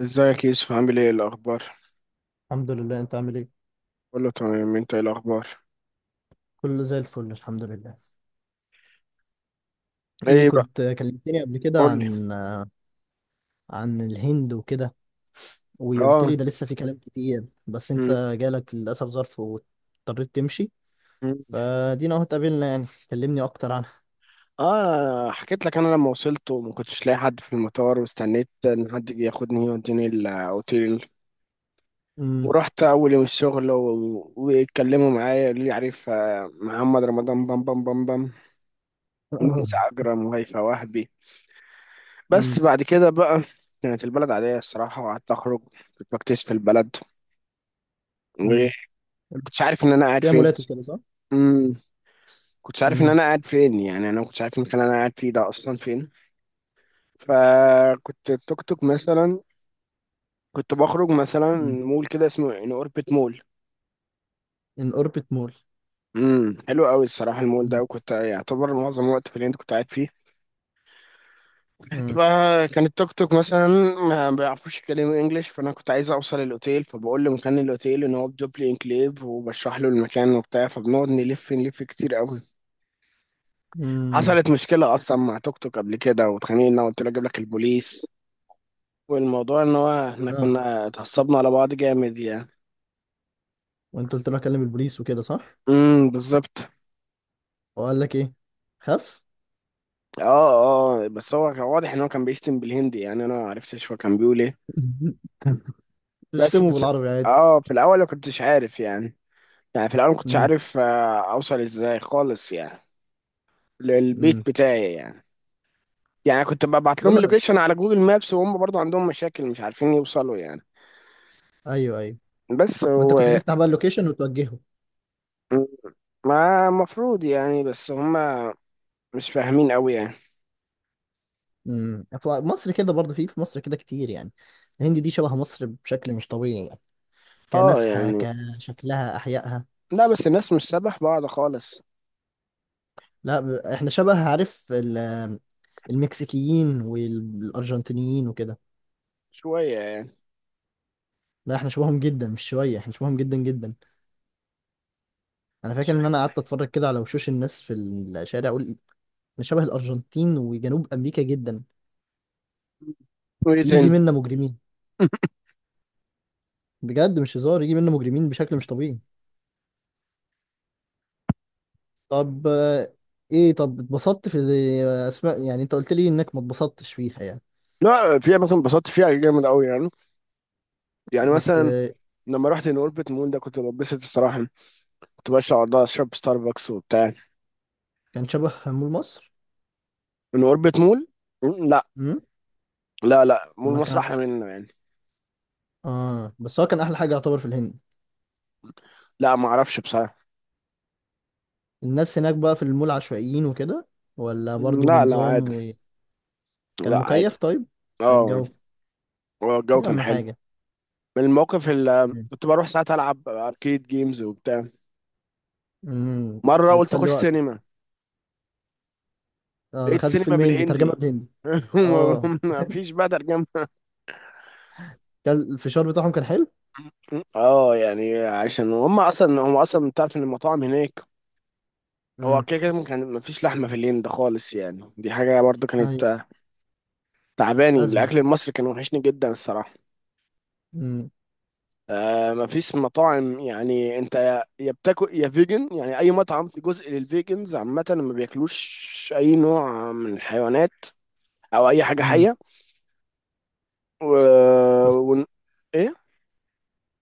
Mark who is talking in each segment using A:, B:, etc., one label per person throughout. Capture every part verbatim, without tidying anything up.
A: ازيك يا يوسف، عامل ايه الاخبار؟
B: الحمد لله. انت عامل ايه؟
A: كله تمام، انت ايه الاخبار؟
B: كله زي الفل، الحمد لله. ايه،
A: ايه بقى؟
B: كنت كلمتني قبل كده
A: قول لي.
B: عن عن الهند وكده، وقلت
A: اه.
B: لي ده لسه في كلام كتير، بس
A: م-
B: انت جالك للاسف ظرف واضطريت تمشي.
A: م.
B: فدينا اهو اتقابلنا، يعني كلمني اكتر عنها.
A: اه، حكيت لك انا لما وصلت وما كنتش لاقي حد في المطار، واستنيت ان حد يجي ياخدني يوديني الاوتيل.
B: امم.
A: ورحت اول يوم الشغل و- واتكلموا معايا، قالوا لي عارف، آه، محمد رمضان بام بام بام بام، ونانسي عجرم وهيفاء وهبي. بس
B: امم.
A: بعد كده بقى، كانت البلد عادية الصراحة، وقعدت أخرج، كنت بكتشف البلد،
B: امم.
A: وكنتش عارف إن أنا قاعد
B: فيها
A: فين.
B: مولات وكده، صح؟
A: كنتش عارف ان
B: امم.
A: انا قاعد فين، يعني انا ما كنتش عارف المكان اللي انا قاعد فيه ده اصلا فين. فكنت التوك توك مثلا، كنت بخرج مثلا
B: امم.
A: مول كده اسمه ان اوربت مول.
B: ان اوربت مول.
A: امم حلو قوي الصراحه المول ده،
B: امم.
A: وكنت يعتبر معظم الوقت في اللي انت كنت قاعد فيه.
B: امم.
A: فكان التوك توك مثلا ما بيعرفوش يتكلموا انجلش، فانا كنت عايز اوصل الاوتيل، فبقول لمكان الاوتيل ان هو بدوبلي انكليف، وبشرح له المكان وبتاع، فبنقعد نلف نلف كتير قوي.
B: امم.
A: حصلت مشكله اصلا مع توك توك قبل كده واتخانقنا، قلت له اجيب لك البوليس، والموضوع ان هو احنا
B: اه،
A: كنا اتعصبنا على بعض جامد يعني.
B: وانت قلت له اكلم البوليس وكده، صح؟
A: امم، بالظبط.
B: وقال لك ايه؟ خف؟
A: اه، اه، بس هو كان واضح ان هو كان بيشتم بالهندي، يعني انا ما عرفتش هو كان بيقول ايه. بس
B: تشتمه
A: كنت،
B: بالعربي عادي.
A: اه في الاول ما كنتش عارف يعني، يعني في الاول ما كنتش
B: امم.
A: عارف، آه، اوصل ازاي خالص يعني، للبيت
B: امم.
A: بتاعي يعني. يعني كنت ببعت
B: قول
A: لهم
B: له.
A: اللوكيشن على جوجل مابس، وهم برضو عندهم مشاكل مش عارفين يوصلوا يعني.
B: ايوه، ايوه.
A: بس
B: وانت
A: هو،
B: كنت تفتح بقى اللوكيشن وتوجهه.
A: ما المفروض يعني، بس هم مش فاهمين قوي يعني.
B: امم في مصر كده برضه، في في مصر كده كتير يعني. الهند دي شبه مصر بشكل مش طبيعي يعني.
A: اه
B: كناسها،
A: يعني،
B: كشكلها، احيائها.
A: لا بس الناس مش سبح بعض خالص،
B: لا، ب... احنا شبه، عارف، ال- المكسيكيين والارجنتينيين وكده.
A: شوية يعني.
B: لا، احنا شبههم جدا، مش شويه، احنا شبههم جدا جدا. انا
A: انت
B: فاكر ان
A: شايف؟
B: انا قعدت اتفرج كده على وشوش الناس في الشارع اقول إيه، احنا شبه الارجنتين وجنوب امريكا جدا.
A: وايه
B: يجي
A: تاني؟
B: منا مجرمين. بجد مش هزار، يجي منا مجرمين بشكل مش طبيعي. طب، آه، ايه، طب اتبسطت في اسماء؟ يعني انت قلت لي انك ما اتبسطتش فيها يعني.
A: لا، في اماكن انبسطت فيها جامد قوي يعني، يعني
B: بس،
A: مثلا
B: آه،
A: لما رحت ان اوربت مول ده كنت بتبسط الصراحة، كنت بشرب على اشرب ستاربكس وبتاع.
B: كان شبه مول مصر؟
A: ان اوربت مول، م- لا.
B: امم.
A: لا، لا، مول
B: امال كان
A: مصر
B: عامل
A: احلى
B: إيه؟
A: منه يعني.
B: اه، بس هو كان احلى حاجه يعتبر في الهند.
A: لا، ما اعرفش بصراحة.
B: الناس هناك بقى في المول عشوائيين وكده، ولا برضو
A: لا، لا، عادي.
B: بنظام؟ وكان
A: لا، عادي.
B: مكيف؟ طيب، عشان
A: اه،
B: الجو.
A: هو الجو
B: دي
A: كان
B: اهم
A: حلو.
B: حاجه.
A: من الموقف اللي
B: امم.
A: كنت بروح ساعات العب اركيد جيمز وبتاع.
B: إمم.
A: مرة قلت
B: بتسلي
A: اخش
B: وقتك.
A: سينما،
B: اه،
A: لقيت
B: دخلت
A: سينما
B: فيلم هندي ترجمه
A: بالهندي.
B: بالهندي؟ اه.
A: ما فيش بقى ترجمة.
B: كان الفشار بتاعهم كان حلو.
A: اه يعني عشان هم اصلا هم اصلا بتعرف ان المطاعم هناك، هو
B: امم.
A: كده كده كان ما فيش لحمة في الهند خالص يعني، دي حاجة برضو
B: ايوه.
A: كانت تعباني.
B: ازمه.
A: الاكل المصري كان وحشني جدا الصراحة.
B: امم.
A: آه ما فيش مطاعم يعني، انت يا يا بتاكل يا فيجن يعني. اي مطعم في جزء للفيجنز، عامة ما بياكلوش اي نوع من الحيوانات او اي حاجة
B: امم.
A: حية و...
B: بس.
A: ون... ايه،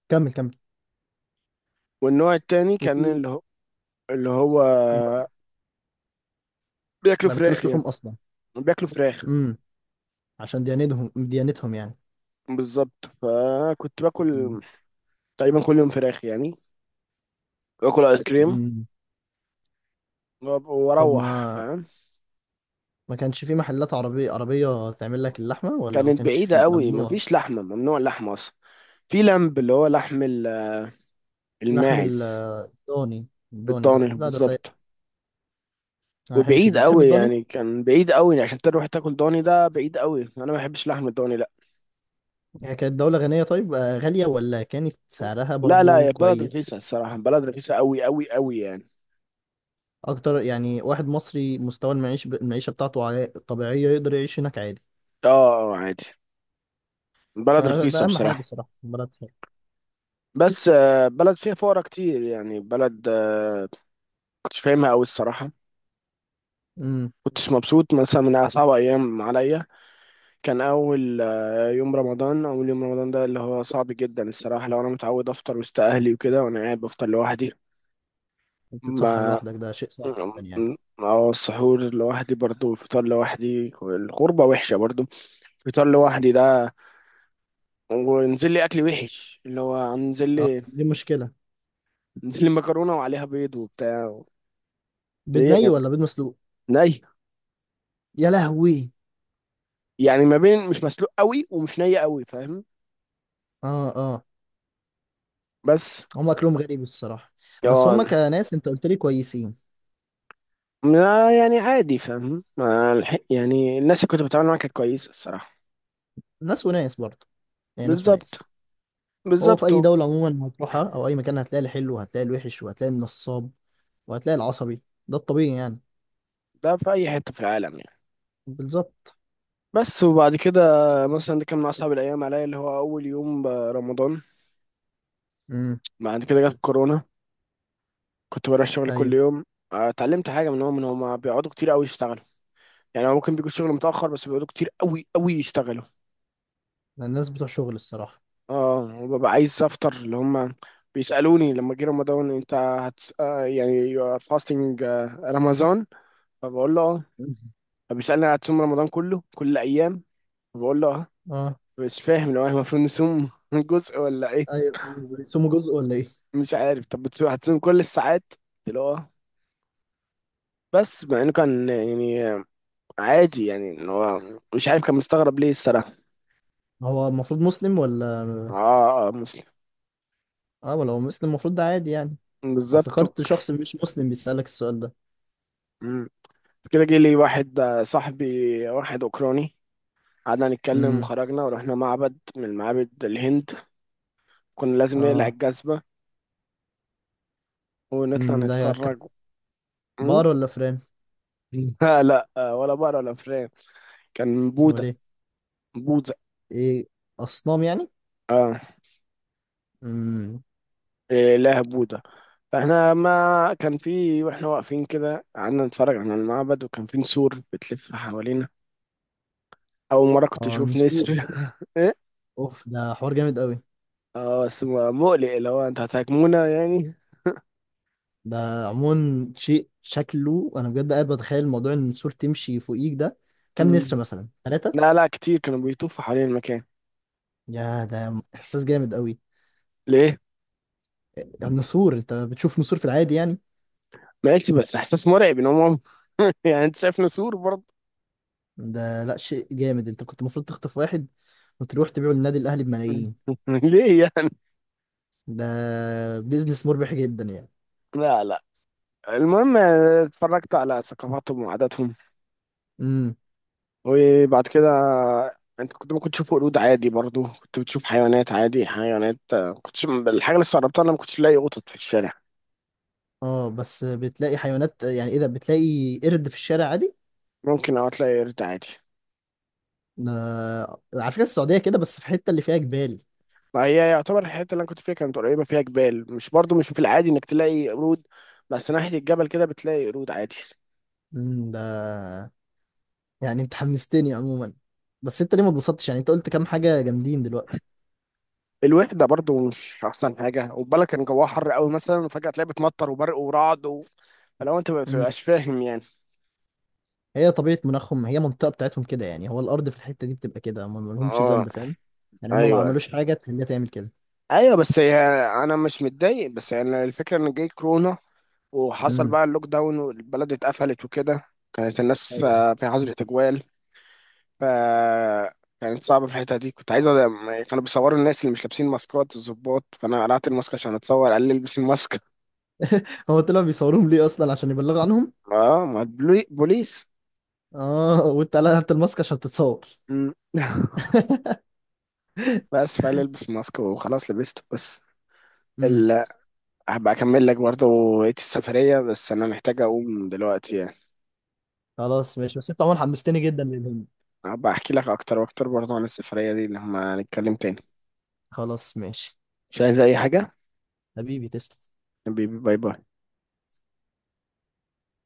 B: كمل، كمل.
A: والنوع التاني كان
B: وفي.
A: اللي هو اللي هو بياكلوا
B: ما
A: فراخ
B: بياكلوش لحوم
A: يعني.
B: اصلا؟
A: بياكلوا فراخ
B: امم. عشان ديانتهم ديانتهم يعني.
A: بالظبط. فكنت باكل
B: امم.
A: تقريبا كل يوم فراخ يعني، باكل ايس كريم،
B: امم.
A: وأب-
B: طب،
A: واروح
B: ما
A: فاهم.
B: ما كانش في محلات عربية عربية تعمل لك اللحمة، ولا ما
A: كانت
B: كانش
A: بعيدة
B: في؟
A: قوي،
B: ممنوع.
A: مفيش لحمة، ممنوع اللحمة اصلا. في لمب اللي هو لحم ال-
B: لحم
A: الماعز.
B: الضاني. الضاني ده،
A: الضاني
B: لا، ده سيء.
A: بالظبط.
B: انا ما بحبش
A: وبعيد
B: الضاني، بتحب
A: قوي
B: الضاني؟
A: يعني، كان بعيد قوي عشان تروح تاكل ضاني، ده بعيد قوي، انا ما بحبش لحم الضاني، لا.
B: هي كانت دولة غنية، طيب، آه، غالية ولا كانت سعرها
A: لا، لا،
B: برضو
A: يا بلد
B: كويس؟
A: رخيصة الصراحة، بلد رخيصة قوي قوي قوي يعني.
B: اكتر، يعني واحد مصري مستوى المعيش المعيشة بتاعته عا- طبيعية يقدر يعيش هناك عادي؟
A: اه، آه، عادي، بلد
B: آه،
A: رخيصة
B: ده اهم حاجة
A: بصراحة.
B: صراحة، بلد حلوة.
A: بس آه، بلد فيها فقرا كتير يعني، بلد آه، كنتش فاهمها أوي الصراحة.
B: امم.
A: كنتش مبسوط، مثلا من أصعب أيام عليا كان أول آه، يوم رمضان. أول يوم رمضان ده اللي هو صعب جدا الصراحة، لو أنا متعود أفطر وسط أهلي وكده، وأنا قاعد بفطر لوحدي.
B: تتسحر
A: ما
B: لوحدك ده شيء صعب جدا يعني.
A: اه، السحور لوحدي برضو، والفطار لوحدي، الغربة وحشة برضو. فطار لوحدي ده، ونزل لي أكل وحش اللي هو نزل
B: اه،
A: لي
B: دي مشكلة.
A: نزل لي مكرونة وعليها بيض وبتاع.
B: بيض
A: ايه
B: ني
A: يا
B: ولا بيض مسلوق؟
A: جماعة؟
B: يا لهوي!
A: يعني ما بين مش مسلوق قوي ومش ني قوي، فاهم؟
B: اه، اه،
A: بس،
B: هم اكلهم غريب الصراحه. بس
A: اه.
B: هم كناس، انت قلت لي كويسين.
A: ما- يعني عادي فاهم، ما الح- يعني الناس اللي كنت بتعامل معاها كانت كويسة الصراحة.
B: ناس وناس برضه، يعني ناس
A: بالظبط،
B: وناس. هو في
A: بالظبط.
B: اي دوله عموما هتروحها او اي مكان، هتلاقي الحلو وهتلاقي الوحش وهتلاقي النصاب وهتلاقي العصبي. ده الطبيعي يعني.
A: ده في أي حتة في العالم يعني.
B: بالظبط.
A: بس، وبعد كده مثلا ده كان من أصعب الأيام عليا اللي هو أول يوم برمضان.
B: امم.
A: بعد كده جت كورونا، كنت بروح الشغل كل
B: ايوه.
A: يوم. آه، اتعلمت حاجة منهم إن هما بيقعدوا كتير قوي يشتغلوا، يعني هو ممكن بيجوا الشغل متأخر، بس بيقعدوا كتير قوي قوي يشتغلوا.
B: ده الناس بتوع شغل الصراحه.
A: اه، وببقى عايز افطر، اللي هم بيسالوني لما جه رمضان، انت هت آه، يعني، فاستنج رمضان، فبقول له اه. فبيسالني هتصوم رمضان كله كل الايام؟ فبقول له اه.
B: اه.
A: مش فاهم لو احنا المفروض نصوم جزء ولا ايه؟
B: ايوه، هم بيقسموا جزء ولا ايه؟
A: مش عارف، طب بتصوم، هتصوم كل الساعات؟ قلت له اه. بس مع انه كان يعني عادي، يعني ان هو، مش عارف، كان مستغرب ليه الصراحه.
B: هو المفروض مسلم
A: اه،
B: ولا؟
A: اه، مسلم.
B: اه، ولا هو مسلم المفروض، ده عادي يعني.
A: بالظبط.
B: افتكرت شخص مش مسلم بيسألك السؤال ده.
A: مم. كده جه لي واحد آه، صاحبي، واحد اوكراني. قعدنا نتكلم
B: امم.
A: وخرجنا ورحنا معبد من معابد الهند، كنا لازم نقلع
B: اه.
A: الجزمة ونطلع
B: أمم، ده كان
A: نتفرج. م؟
B: بقر ولا فران؟
A: لا، لا، آه، ولا بقرة ولا فران. كان
B: امال
A: بوذا.
B: ايه؟
A: بوذا.
B: ايه، اصنام يعني؟
A: اه،
B: امم.
A: إله بوذا. فاحنا ما كان في، واحنا واقفين كده قعدنا نتفرج على المعبد، وكان في نسور بتلف حوالينا. أول مرة كنت
B: اه،
A: أشوف نسر.
B: نسور؟
A: إيه؟
B: اوف، ده حوار جامد قوي.
A: اه، بس م- مقلق اللي هو انت هتهاجمونا يعني.
B: ده عموما شيء شكله، انا بجد قاعد بتخيل موضوع ان النسور تمشي فوقيك ده. كام نسر
A: م.
B: مثلا، ثلاثة؟
A: لا، لا، كتير كانوا بيطوفوا حوالين المكان.
B: يا، ده احساس جامد قوي.
A: ليه؟
B: النسور، انت بتشوف نسور في العادي يعني؟
A: ماشي، بس احساس مرعب ان هم. يعني انت شايف نسور برضه.
B: ده لا، شيء جامد، انت كنت المفروض تخطف واحد وتروح تبيعه للنادي الاهلي بملايين.
A: ليه يعني؟
B: ده بيزنس مربح جدا يعني.
A: لا، لا. المهم، اتفرجت على ثقافاتهم وعاداتهم.
B: امم.
A: وبعد كده، انت كنت ممكن تشوف قرود عادي، برضو كنت بتشوف حيوانات عادي، حيوانات. كنت الحاجه اللي استغربتها انا ما كنتش الاقي قطط في الشارع.
B: اه، بس بتلاقي حيوانات، يعني ايه ده؟ بتلاقي قرد في الشارع عادي.
A: ممكن اه تلاقي قرد عادي.
B: ده على فكرة، السعودية كده بس في الحتة اللي فيها جبال.
A: ما هي يعتبر الحته اللي انا كنت فيها كانت قريبه فيها جبال، مش برضو مش في العادي انك تلاقي قرود، بس ناحيه الجبل كده بتلاقي قرود عادي.
B: مم، ده يعني انت حمستني عموما. بس انت ليه ما اتبسطتش؟ يعني انت قلت كام حاجة جامدين دلوقتي.
A: الوحدة برضو مش أحسن حاجة، وبالك كان جواها حر قوي مثلا، وفجأة تلاقي بتمطر وبرق ورعد و... فلو أنت ما
B: مم.
A: بتبقاش فاهم يعني.
B: هي طبيعة مناخهم، هي منطقة بتاعتهم كده يعني، هو الأرض في الحتة دي بتبقى كده، هم ما لهمش
A: اه،
B: ذنب، فاهم. يعني هم ما
A: أيوه،
B: عملوش حاجة تخليها تعمل كده.
A: أيوه، بس هي، أنا مش متضايق، بس يعني الفكرة إن جاي كورونا، وحصل
B: امم.
A: بقى اللوك داون والبلد اتقفلت وكده. كانت الناس
B: ايوه.
A: آه، في حظر تجوال. ف كانت صعبة في الحتة دي، كنت عايز أ- كانوا بيصوروا الناس اللي مش لابسين ماسكات الضباط، فأنا قلعت الماسك عشان أتصور، قال لي البس الماسك.
B: هو طلع بيصوروهم ليه أصلا؟ عشان يبلغوا عنهم؟
A: اه ما البلي- بوليس.
B: اه، وانت قلعت الماسك عشان تتصور؟
A: مم. بس فعلا البس ماسك وخلاص لبسته، بس
B: امم.
A: ال... هبقى اكمل لك برضه بقية السفرية، بس انا محتاج اقوم دلوقتي يعني.
B: خلاص ماشي، بس انت عموما حمستني جدا للهند.
A: هبقى احكي لك اكتر واكتر برضه عن السفرية دي لما نتكلم تاني.
B: خلاص ماشي.
A: مش عايز اي حاجة.
B: حبيبي تسلم.
A: حبيبي، باي باي.